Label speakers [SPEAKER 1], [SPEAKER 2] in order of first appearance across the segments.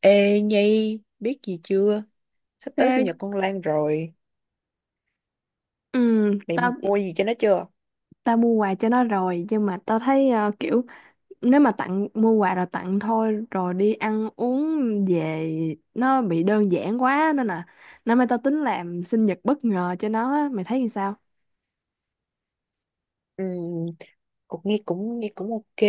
[SPEAKER 1] Ê Nhi, biết gì chưa? Sắp tới sinh
[SPEAKER 2] Sao?
[SPEAKER 1] nhật con Lan rồi.
[SPEAKER 2] Ừ,
[SPEAKER 1] Mày
[SPEAKER 2] tao
[SPEAKER 1] mua gì cho nó chưa?
[SPEAKER 2] tao mua quà cho nó rồi nhưng mà tao thấy kiểu nếu mà tặng mua quà rồi tặng thôi rồi đi ăn uống về nó bị đơn giản quá, nên là năm nay tao tính làm sinh nhật bất ngờ cho nó á. Mày thấy như sao?
[SPEAKER 1] Ừ, cũng nghe cũng ok,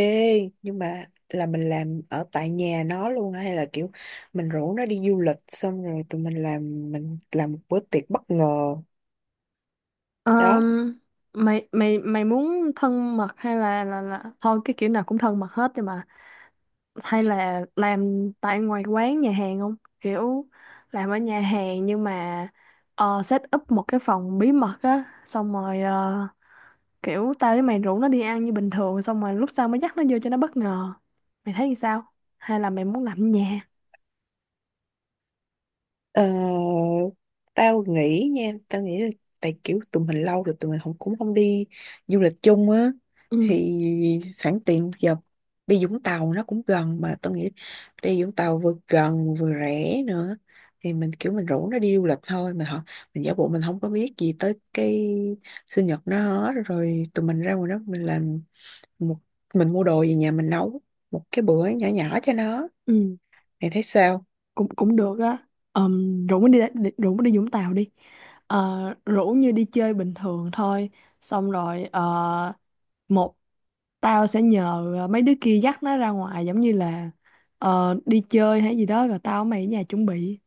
[SPEAKER 1] nhưng mà là mình làm ở tại nhà nó luôn hay là kiểu mình rủ nó đi du lịch xong rồi tụi mình làm một bữa tiệc bất ngờ. Đó.
[SPEAKER 2] Ờm, mày mày mày muốn thân mật hay là thôi, cái kiểu nào cũng thân mật hết, nhưng mà hay là làm tại ngoài quán nhà hàng không, kiểu làm ở nhà hàng nhưng mà set up một cái phòng bí mật á, xong rồi kiểu tao với mày rủ nó đi ăn như bình thường, xong rồi lúc sau mới dắt nó vô cho nó bất ngờ. Mày thấy thì sao, hay là mày muốn làm ở nhà?
[SPEAKER 1] Ờ, tao nghĩ nha, tao nghĩ là tại kiểu tụi mình lâu rồi tụi mình không cũng không đi du lịch chung á.
[SPEAKER 2] Ừ,
[SPEAKER 1] Thì sẵn tiện giờ đi Vũng Tàu nó cũng gần, mà tao nghĩ đi Vũng Tàu vừa gần vừa rẻ nữa. Thì mình kiểu mình rủ nó đi du lịch thôi, mình họ mình giả bộ mình không có biết gì tới cái sinh nhật nó hết. Rồi tụi mình ra ngoài đó mình làm một, mình mua đồ về nhà mình nấu một cái bữa nhỏ nhỏ cho nó.
[SPEAKER 2] ừ,
[SPEAKER 1] Mày thấy sao?
[SPEAKER 2] cũng cũng được á. Rủ nó đi đi- rủ nó đi Vũng Tàu đi. Ờ, rủ như đi chơi bình thường thôi, xong rồi ờ, một tao sẽ nhờ mấy đứa kia dắt nó ra ngoài giống như là đi chơi hay gì đó, rồi tao với mày ở nhà chuẩn bị,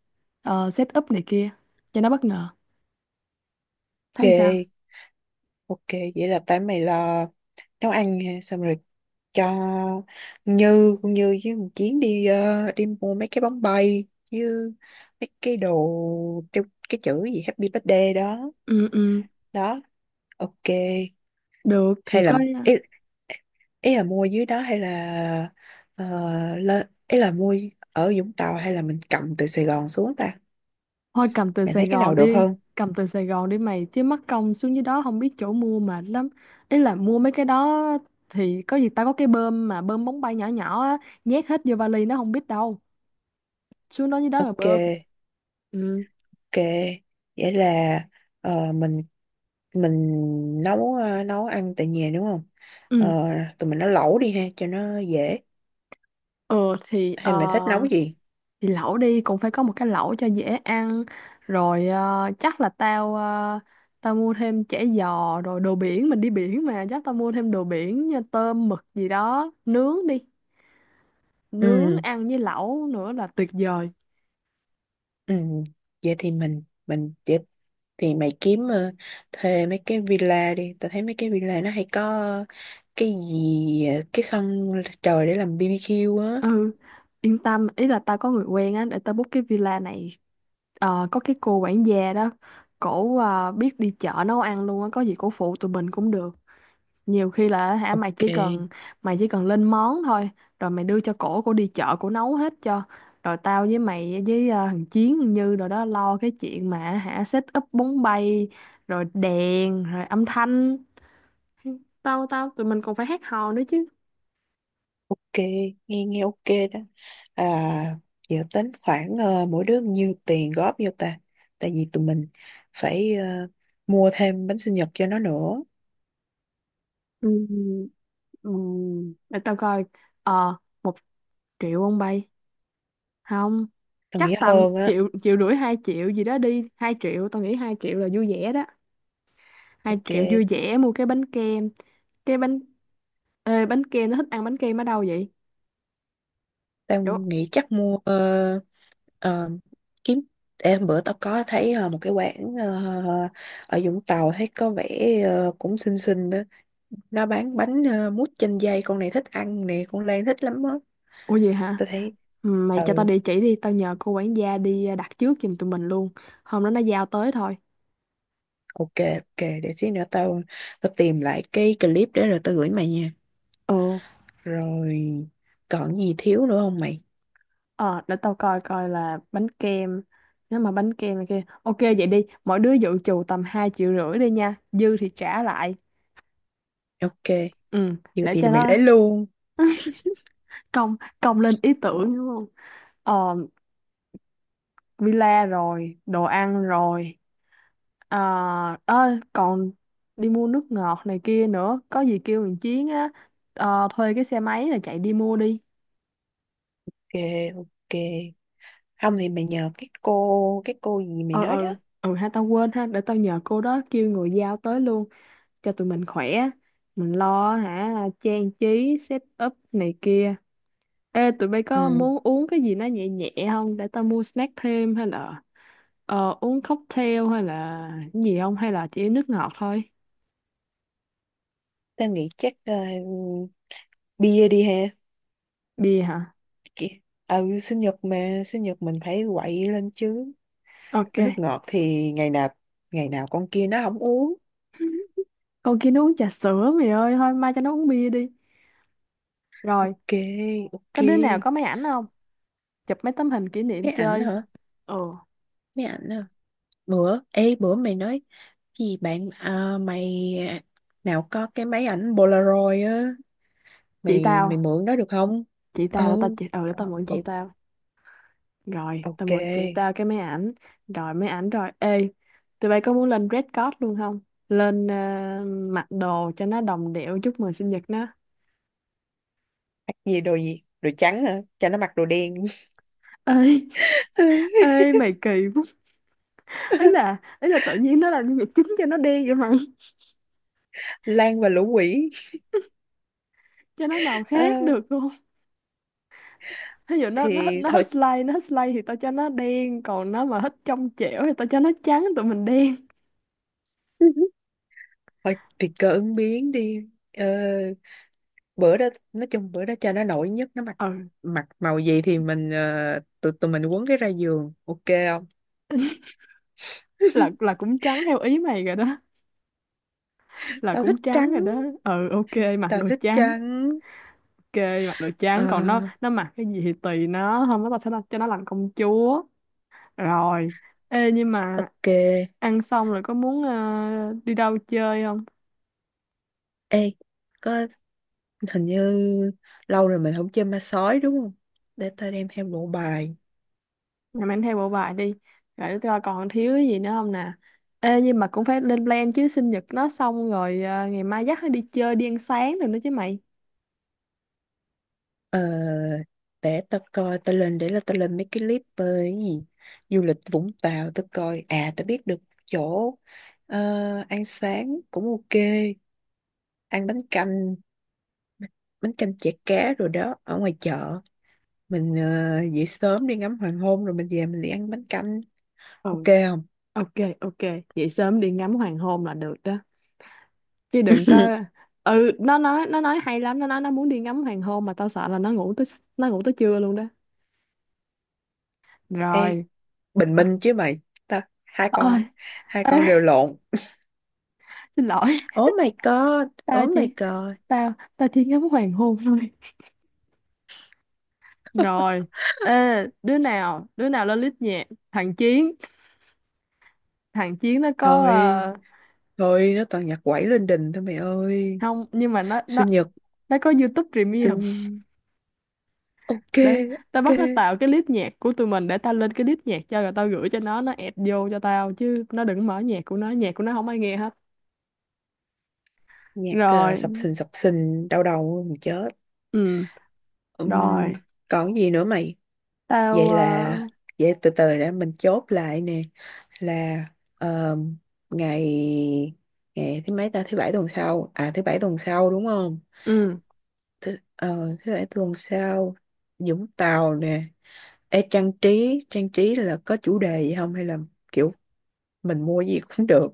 [SPEAKER 2] set up này kia cho nó bất ngờ. Thấy sao?
[SPEAKER 1] Ok ok, vậy là tại mày lo nấu ăn ha, xong rồi cho Như, con Như với một Chiến đi đi mua mấy cái bóng bay, như mấy cái đồ treo cái chữ gì Happy Birthday đó
[SPEAKER 2] Ừ, ừ,
[SPEAKER 1] đó. Ok.
[SPEAKER 2] được thì
[SPEAKER 1] Hay là
[SPEAKER 2] coi.
[SPEAKER 1] ý, ý là mua dưới đó hay là ờ, lên, ý là mua ở Vũng Tàu hay là mình cầm từ Sài Gòn xuống ta?
[SPEAKER 2] Thôi cầm từ
[SPEAKER 1] Mình
[SPEAKER 2] Sài
[SPEAKER 1] thấy cái nào
[SPEAKER 2] Gòn
[SPEAKER 1] được
[SPEAKER 2] đi.
[SPEAKER 1] hơn?
[SPEAKER 2] Cầm từ Sài Gòn đi mày, chứ mắc công xuống dưới đó không biết chỗ mua, mệt lắm. Ý là mua mấy cái đó thì có gì tao có cái bơm mà bơm bóng bay nhỏ nhỏ á, nhét hết vô vali nó không biết đâu, xuống đó dưới đó là
[SPEAKER 1] Ok
[SPEAKER 2] bơm. Ừ,
[SPEAKER 1] ok, vậy là ờ, mình mình nấu nấu ăn tại nhà đúng không?
[SPEAKER 2] ừ,
[SPEAKER 1] ờ, Tụi mình nấu lẩu đi ha cho nó dễ,
[SPEAKER 2] ừ. thì
[SPEAKER 1] hay mày thích nấu
[SPEAKER 2] ờ
[SPEAKER 1] gì?
[SPEAKER 2] thì lẩu đi, cũng phải có một cái lẩu cho dễ ăn. Rồi chắc là tao mua thêm chả giò rồi đồ biển, mình đi biển mà, chắc tao mua thêm đồ biển như tôm mực gì đó, nướng đi, nướng
[SPEAKER 1] Ừ
[SPEAKER 2] ăn với lẩu nữa là tuyệt vời.
[SPEAKER 1] ừ, vậy thì mình vậy. Thì mày kiếm thuê mấy cái villa đi, tao thấy mấy cái villa nó hay có cái gì cái sân trời để làm BBQ á.
[SPEAKER 2] Ừ, yên tâm, ý là tao có người quen á, để tao book cái villa này. Có cái cô quản gia đó, cổ biết đi chợ nấu ăn luôn á, có gì cổ phụ tụi mình cũng được, nhiều khi là hả. mày chỉ
[SPEAKER 1] Ok.
[SPEAKER 2] cần mày chỉ cần lên món thôi, rồi mày đưa cho cổ, cổ đi chợ, cổ nấu hết cho. Rồi tao với mày với thằng Chiến, thằng Như rồi đó lo cái chuyện mà hả set up bóng bay rồi đèn rồi âm thanh. Tao tao Tụi mình còn phải hát hò nữa chứ.
[SPEAKER 1] Ok, nghe nghe ok đó. À, dự tính khoảng mỗi đứa nhiêu tiền góp vô ta? Tại vì tụi mình phải mua thêm bánh sinh nhật cho nó nữa.
[SPEAKER 2] Ừ, ừ, để tao coi. ờ Một triệu ông bay không?
[SPEAKER 1] Tao
[SPEAKER 2] Chắc
[SPEAKER 1] nghĩ
[SPEAKER 2] tầm
[SPEAKER 1] hơn á.
[SPEAKER 2] triệu, triệu rưỡi, hai triệu gì đó đi. Hai triệu tao nghĩ hai triệu là vui vẻ đó. Hai
[SPEAKER 1] Ok,
[SPEAKER 2] triệu vui vẻ mua cái bánh kem, cái bánh. Ê, bánh kem nó thích ăn bánh kem ở đâu vậy?
[SPEAKER 1] tao
[SPEAKER 2] Ủa.
[SPEAKER 1] nghĩ chắc mua ờ, kiếm. Em bữa tao có thấy một cái quán ở Vũng Tàu thấy có vẻ cũng xinh xinh đó. Nó bán bánh mút chanh dây, con này thích ăn nè, con Lan thích lắm á.
[SPEAKER 2] Ủa, gì hả?
[SPEAKER 1] Tao thấy.
[SPEAKER 2] Ừ, mày cho tao
[SPEAKER 1] Ừ.
[SPEAKER 2] địa chỉ đi, tao nhờ cô quản gia đi à, đặt trước giùm tụi mình luôn, hôm đó nó giao tới thôi.
[SPEAKER 1] Ok, ok, để xíu nữa tao, tao tìm lại cái clip để rồi tao gửi mày nha.
[SPEAKER 2] Ừ,
[SPEAKER 1] Rồi còn gì thiếu nữa không mày?
[SPEAKER 2] ờ để tao coi coi là bánh kem, nếu mà bánh kem này kia ok vậy đi, mỗi đứa dự trù tầm hai triệu rưỡi đi nha, dư thì trả lại.
[SPEAKER 1] Ok,
[SPEAKER 2] Ừ,
[SPEAKER 1] vừa
[SPEAKER 2] để
[SPEAKER 1] thì
[SPEAKER 2] cho
[SPEAKER 1] mày
[SPEAKER 2] nó
[SPEAKER 1] lấy luôn.
[SPEAKER 2] công công lên ý tưởng đúng không? ờ villa rồi đồ ăn rồi. À, ơ, còn đi mua nước ngọt này kia nữa, có gì kêu thằng Chiến á, thuê cái xe máy là chạy đi mua đi.
[SPEAKER 1] Ok, ok. Không thì mày nhờ cái cô gì mày
[SPEAKER 2] Ừ,
[SPEAKER 1] nói
[SPEAKER 2] ừ,
[SPEAKER 1] đó.
[SPEAKER 2] ừ ha, tao quên ha, để tao nhờ cô đó kêu người giao tới luôn cho tụi mình khỏe, mình lo hả trang trí set up này kia. Ê, tụi bay
[SPEAKER 1] Ừ,
[SPEAKER 2] có muốn uống cái gì nó nhẹ nhẹ không? Để tao mua snack thêm, hay là uống cocktail hay là cái gì không, hay là chỉ nước ngọt thôi?
[SPEAKER 1] tao nghĩ chắc bia đi ha.
[SPEAKER 2] Bia hả?
[SPEAKER 1] Kì- Ừ, sinh nhật mà, sinh nhật mình phải quậy lên chứ.
[SPEAKER 2] Ok.
[SPEAKER 1] Nước ngọt thì ngày nào con kia nó không uống.
[SPEAKER 2] Con kia nó uống trà sữa mày ơi, thôi mai cho nó uống bia đi. Rồi,
[SPEAKER 1] Ok, ok.
[SPEAKER 2] có đứa nào có máy ảnh không? Chụp mấy tấm hình kỷ niệm
[SPEAKER 1] Máy ảnh
[SPEAKER 2] chơi.
[SPEAKER 1] hả?
[SPEAKER 2] Ừ,
[SPEAKER 1] Máy ảnh hả? Bữa ê bữa mày nói gì bạn à, mày nào có cái máy ảnh Polaroid á,
[SPEAKER 2] chị
[SPEAKER 1] mày
[SPEAKER 2] tao,
[SPEAKER 1] mày mượn đó được không?
[SPEAKER 2] chị tao, để tao
[SPEAKER 1] Ừ.
[SPEAKER 2] chị, ừ, để tao
[SPEAKER 1] Ờ,
[SPEAKER 2] mượn chị
[SPEAKER 1] ô-
[SPEAKER 2] tao. Rồi, tao
[SPEAKER 1] ok
[SPEAKER 2] mượn chị tao cái máy ảnh. Rồi máy ảnh rồi. Ê, tụi bay có muốn lên Red Card luôn không? Lên mặc đồ cho nó đồng điệu chúc mừng sinh nhật nó.
[SPEAKER 1] gì, đồ gì, đồ trắng hả, cho nó mặc đồ đen.
[SPEAKER 2] Ê, ê mày kỳ quá. Ấy là, ấy là tự nhiên nó làm nhân vật chính cho nó đen vậy mày.
[SPEAKER 1] Lan và lũ quỷ.
[SPEAKER 2] Cho nó màu
[SPEAKER 1] Ờ,
[SPEAKER 2] khác được không? Ví dụ nó nó
[SPEAKER 1] thì
[SPEAKER 2] nó
[SPEAKER 1] thôi,
[SPEAKER 2] hết slide, nó hết slide thì tao cho nó đen, còn nó mà hết trong trẻo thì tao cho nó trắng, tụi mình đen.
[SPEAKER 1] thôi thì cơ ứng biến đi. Ờ, bữa đó nói chung bữa đó cho nó nổi nhất, nó mặc
[SPEAKER 2] Ừ,
[SPEAKER 1] mặc màu gì thì mình tụi tụi mình quấn cái ra giường ok không?
[SPEAKER 2] là cũng trắng theo ý mày rồi đó, là
[SPEAKER 1] Tao thích
[SPEAKER 2] cũng trắng
[SPEAKER 1] trắng,
[SPEAKER 2] rồi đó. Ừ, ok, mặc
[SPEAKER 1] tao
[SPEAKER 2] đồ
[SPEAKER 1] thích
[SPEAKER 2] trắng.
[SPEAKER 1] trắng.
[SPEAKER 2] Ok, mặc đồ trắng,
[SPEAKER 1] Ờ,
[SPEAKER 2] còn nó mặc cái gì thì tùy nó, không có tao sẽ đặt- cho nó làm công chúa. Rồi. Ê nhưng mà
[SPEAKER 1] ok.
[SPEAKER 2] ăn xong rồi có muốn đi đâu chơi không?
[SPEAKER 1] Ê, có hình như lâu rồi mình không chơi ma sói đúng không? Để tao đem theo bộ bài.
[SPEAKER 2] Rồi mang theo bộ bài đi. Rồi coi còn thiếu cái gì nữa không nè. Ê nhưng mà cũng phải lên plan chứ, sinh nhật nó xong rồi ngày mai dắt nó đi chơi đi ăn sáng rồi nữa chứ mày.
[SPEAKER 1] Ờ, để tao coi, tao lên, để là tao lên mấy cái clip về cái gì. Du lịch Vũng Tàu, tao coi. À, tao biết được chỗ ờ, ăn sáng cũng ok. Ăn bánh canh chả cá rồi đó, ở ngoài chợ. Mình dậy sớm đi ngắm hoàng hôn rồi mình về mình đi ăn bánh canh. Ok
[SPEAKER 2] Ừ,
[SPEAKER 1] không?
[SPEAKER 2] ok, ok, vậy sớm đi ngắm hoàng hôn là được đó. Chứ đừng có. Ừ, nó nói, nó nói hay lắm, nó nói nó muốn đi ngắm hoàng hôn mà tao sợ là nó ngủ tới, nó ngủ tới trưa luôn đó.
[SPEAKER 1] Ê,
[SPEAKER 2] Rồi.
[SPEAKER 1] Bình
[SPEAKER 2] À,
[SPEAKER 1] Minh chứ mày, ta, hai
[SPEAKER 2] ơi,
[SPEAKER 1] con hai
[SPEAKER 2] ê,
[SPEAKER 1] con đều lộn.
[SPEAKER 2] xin lỗi,
[SPEAKER 1] Oh my god,
[SPEAKER 2] tao
[SPEAKER 1] oh my
[SPEAKER 2] chỉ,
[SPEAKER 1] god.
[SPEAKER 2] tao tao chỉ ngắm hoàng hôn thôi. Rồi, ê, đứa nào lên list nhạc? Thằng Chiến, thằng Chiến nó có
[SPEAKER 1] Thôi thôi nó toàn nhạc quẩy lên đình thôi mày ơi.
[SPEAKER 2] không, nhưng mà nó nó
[SPEAKER 1] Sinh nhật,
[SPEAKER 2] nó có YouTube Premium.
[SPEAKER 1] sinh ok
[SPEAKER 2] Đấy, tao
[SPEAKER 1] ok
[SPEAKER 2] bắt nó tạo cái list nhạc của tụi mình, để tao lên cái list nhạc cho, rồi tao gửi cho nó add vô cho tao, chứ nó đừng mở nhạc của nó không ai nghe hết.
[SPEAKER 1] nhạc
[SPEAKER 2] Rồi,
[SPEAKER 1] sập sình đau đầu mình chết.
[SPEAKER 2] ừ, rồi,
[SPEAKER 1] Ừm, còn gì nữa mày? Vậy
[SPEAKER 2] tao
[SPEAKER 1] là, vậy từ từ để mình chốt lại nè, là ờ, ngày, ngày thứ mấy ta, thứ bảy tuần sau à, thứ bảy tuần sau đúng không?
[SPEAKER 2] ừ,
[SPEAKER 1] Thế, ờ, thế để tuần sau Vũng Tàu nè. Ê, trang trí là có chủ đề gì không hay là kiểu mình mua gì cũng được?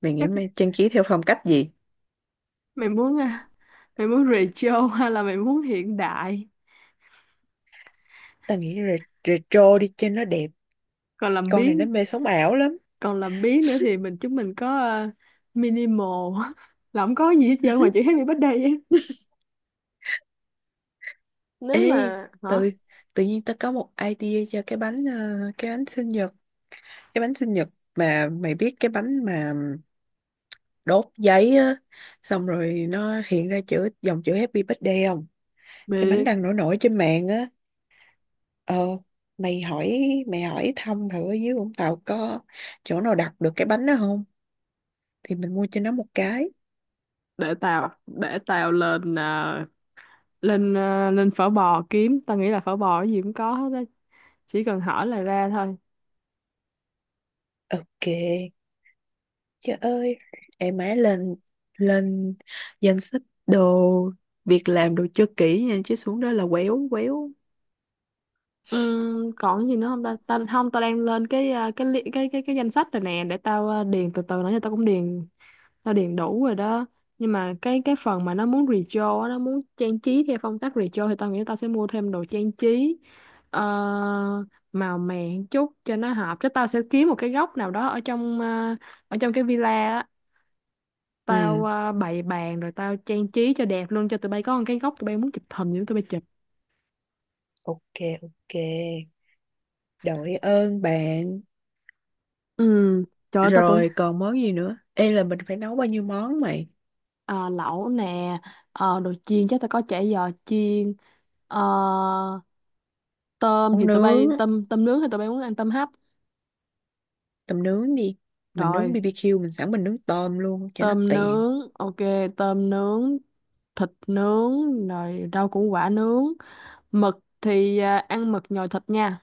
[SPEAKER 1] Mày nghĩ
[SPEAKER 2] chắc
[SPEAKER 1] mày trang trí theo phong cách gì?
[SPEAKER 2] mày muốn à, mày muốn retro hay là mày muốn hiện đại?
[SPEAKER 1] Tao nghĩ re- retro đi cho nó đẹp,
[SPEAKER 2] Còn làm
[SPEAKER 1] con này nó
[SPEAKER 2] biếng,
[SPEAKER 1] mê sống ảo lắm.
[SPEAKER 2] còn làm biếng nữa thì chúng mình có minimal là không có gì hết trơn ngoài chữ happy birthday ấy.
[SPEAKER 1] Ê
[SPEAKER 2] Nếu mà hả
[SPEAKER 1] tự, tự nhiên tao có một idea cho cái bánh cái bánh sinh nhật cái bánh sinh nhật mà mày biết, cái bánh mà đốt giấy á xong rồi nó hiện ra chữ, dòng chữ Happy Birthday không? Cái bánh
[SPEAKER 2] biết.
[SPEAKER 1] đang nổi nổi trên mạng á. Ờ, mày hỏi mày hỏi thăm thử ở dưới Vũng Tàu có chỗ nào đặt được cái bánh đó không thì mình mua cho nó một cái.
[SPEAKER 2] Để tao, để tao lên à, lên à, lên phở bò kiếm, tao nghĩ là phở bò cái gì cũng có hết á, chỉ cần hỏi là ra thôi.
[SPEAKER 1] Ok. Trời ơi, em má, lên, lên danh sách đồ, việc làm đồ cho kỹ nha chứ xuống đó là quéo quéo.
[SPEAKER 2] Còn gì nữa không ta? Ta không, tao đang lên cái cái li- cái cái danh sách rồi nè, để tao điền từ từ nữa, cho tao cũng điền, nó điền đủ rồi đó. Nhưng mà cái phần mà nó muốn retro á, nó muốn trang trí theo phong cách retro thì tao nghĩ tao sẽ mua thêm đồ trang trí ờ, màu mè một chút cho nó hợp, chứ tao sẽ kiếm một cái góc nào đó ở trong ở trong cái villa á,
[SPEAKER 1] Ừ
[SPEAKER 2] tao bày bàn rồi tao trang trí cho đẹp luôn, cho tụi bay có một cái góc, tụi bay muốn chụp hình gì đó tụi bay chụp.
[SPEAKER 1] ok ok, đội ơn bạn.
[SPEAKER 2] Ừ, trời ơi tao tưởng.
[SPEAKER 1] Rồi còn món gì nữa? Ê là mình phải nấu bao nhiêu món mày?
[SPEAKER 2] Ờ, lẩu nè, đồ chiên chắc tao có chả giò chiên, ờ, tôm
[SPEAKER 1] Món
[SPEAKER 2] thì tụi bay,
[SPEAKER 1] nướng,
[SPEAKER 2] tôm tôm nướng thì tụi bay muốn ăn tôm hấp?
[SPEAKER 1] tầm nướng đi. Mình nướng
[SPEAKER 2] Rồi,
[SPEAKER 1] BBQ, mình sẵn mình nướng tôm luôn cho nó
[SPEAKER 2] tôm
[SPEAKER 1] tiện.
[SPEAKER 2] nướng, ok, tôm nướng, thịt nướng, rồi rau củ quả nướng. Mực thì à, ăn mực nhồi thịt nha.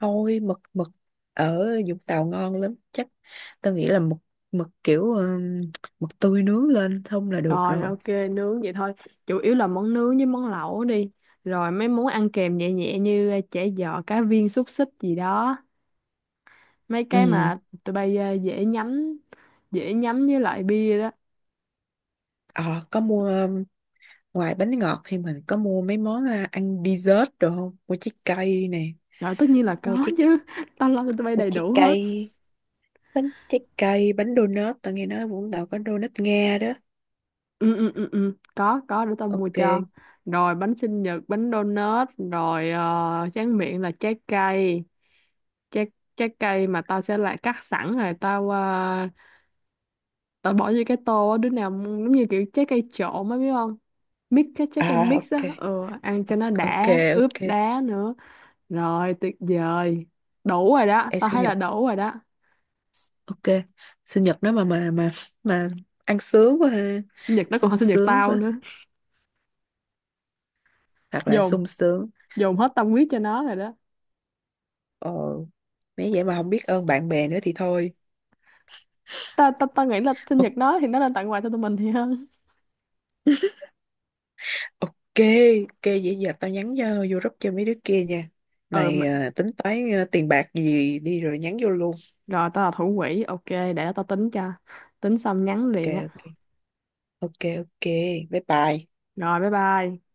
[SPEAKER 1] Thôi mực, mực ở Vũng Tàu ngon lắm, chắc tao nghĩ là mực, mực kiểu mực tươi nướng lên không là được
[SPEAKER 2] Rồi,
[SPEAKER 1] rồi.
[SPEAKER 2] ok, nướng vậy thôi. Chủ yếu là món nướng với món lẩu đi. Rồi mấy món ăn kèm nhẹ nhẹ như à, chả giò, cá viên, xúc xích gì đó. Mấy cái
[SPEAKER 1] Ừ.
[SPEAKER 2] mà tụi bay à, dễ nhắm với lại bia đó.
[SPEAKER 1] Ờ có mua ngoài bánh ngọt thì mình có mua mấy món à, ăn dessert được không, mua trái cây nè?
[SPEAKER 2] Rồi tất nhiên là
[SPEAKER 1] Mua
[SPEAKER 2] có
[SPEAKER 1] trái,
[SPEAKER 2] chứ. Tao lo cho tụi bay
[SPEAKER 1] mua
[SPEAKER 2] đầy
[SPEAKER 1] trái
[SPEAKER 2] đủ hết.
[SPEAKER 1] cây, bánh trái cây, bánh donut, tao nghe nói Vũng Tàu có donut Nga đó.
[SPEAKER 2] Ừ, ừ, ừ, ừ, có, để tao mua cho.
[SPEAKER 1] Ok
[SPEAKER 2] Rồi bánh sinh nhật, bánh donut, rồi tráng miệng là trái cây. Trái Trái cây mà tao sẽ lại cắt sẵn, rồi tao bỏ vô cái tô á, đứa nào muốn- giống như kiểu trái cây trộn á biết không, mix cái trái cây
[SPEAKER 1] à,
[SPEAKER 2] mix
[SPEAKER 1] ok
[SPEAKER 2] á. Ừ, ăn cho nó
[SPEAKER 1] ok
[SPEAKER 2] đã, ướp
[SPEAKER 1] ok.
[SPEAKER 2] đá nữa. Rồi tuyệt vời, đủ rồi đó,
[SPEAKER 1] Em
[SPEAKER 2] tao
[SPEAKER 1] sinh
[SPEAKER 2] thấy là
[SPEAKER 1] nhật,
[SPEAKER 2] đủ rồi đó.
[SPEAKER 1] ok, sinh nhật nếu mà ăn sướng quá ha,
[SPEAKER 2] Sinh nhật nó còn hơn
[SPEAKER 1] sung
[SPEAKER 2] sinh nhật
[SPEAKER 1] sướng
[SPEAKER 2] tao nữa.
[SPEAKER 1] quá, thật là
[SPEAKER 2] Dồn
[SPEAKER 1] sung sướng.
[SPEAKER 2] Dồn hết tâm huyết cho nó rồi đó.
[SPEAKER 1] Ồ, nếu vậy mà không biết ơn bạn bè nữa thì thôi.
[SPEAKER 2] Ta ta ta nghĩ là sinh nhật
[SPEAKER 1] Ok,
[SPEAKER 2] nó thì nó nên tặng quà cho tụi mình thì hơn.
[SPEAKER 1] ok, vậy giờ tao nhắn cho vô group cho mấy đứa kia nha.
[SPEAKER 2] Ừ
[SPEAKER 1] Mày
[SPEAKER 2] mà.
[SPEAKER 1] à, tính toán à, tiền bạc gì đi rồi nhắn vô luôn.
[SPEAKER 2] Rồi tao là thủ quỹ, ok để tao tính cho, tính xong nhắn
[SPEAKER 1] Ok,
[SPEAKER 2] liền á.
[SPEAKER 1] ok, ok, ok, bye bye.
[SPEAKER 2] Rồi bye bye.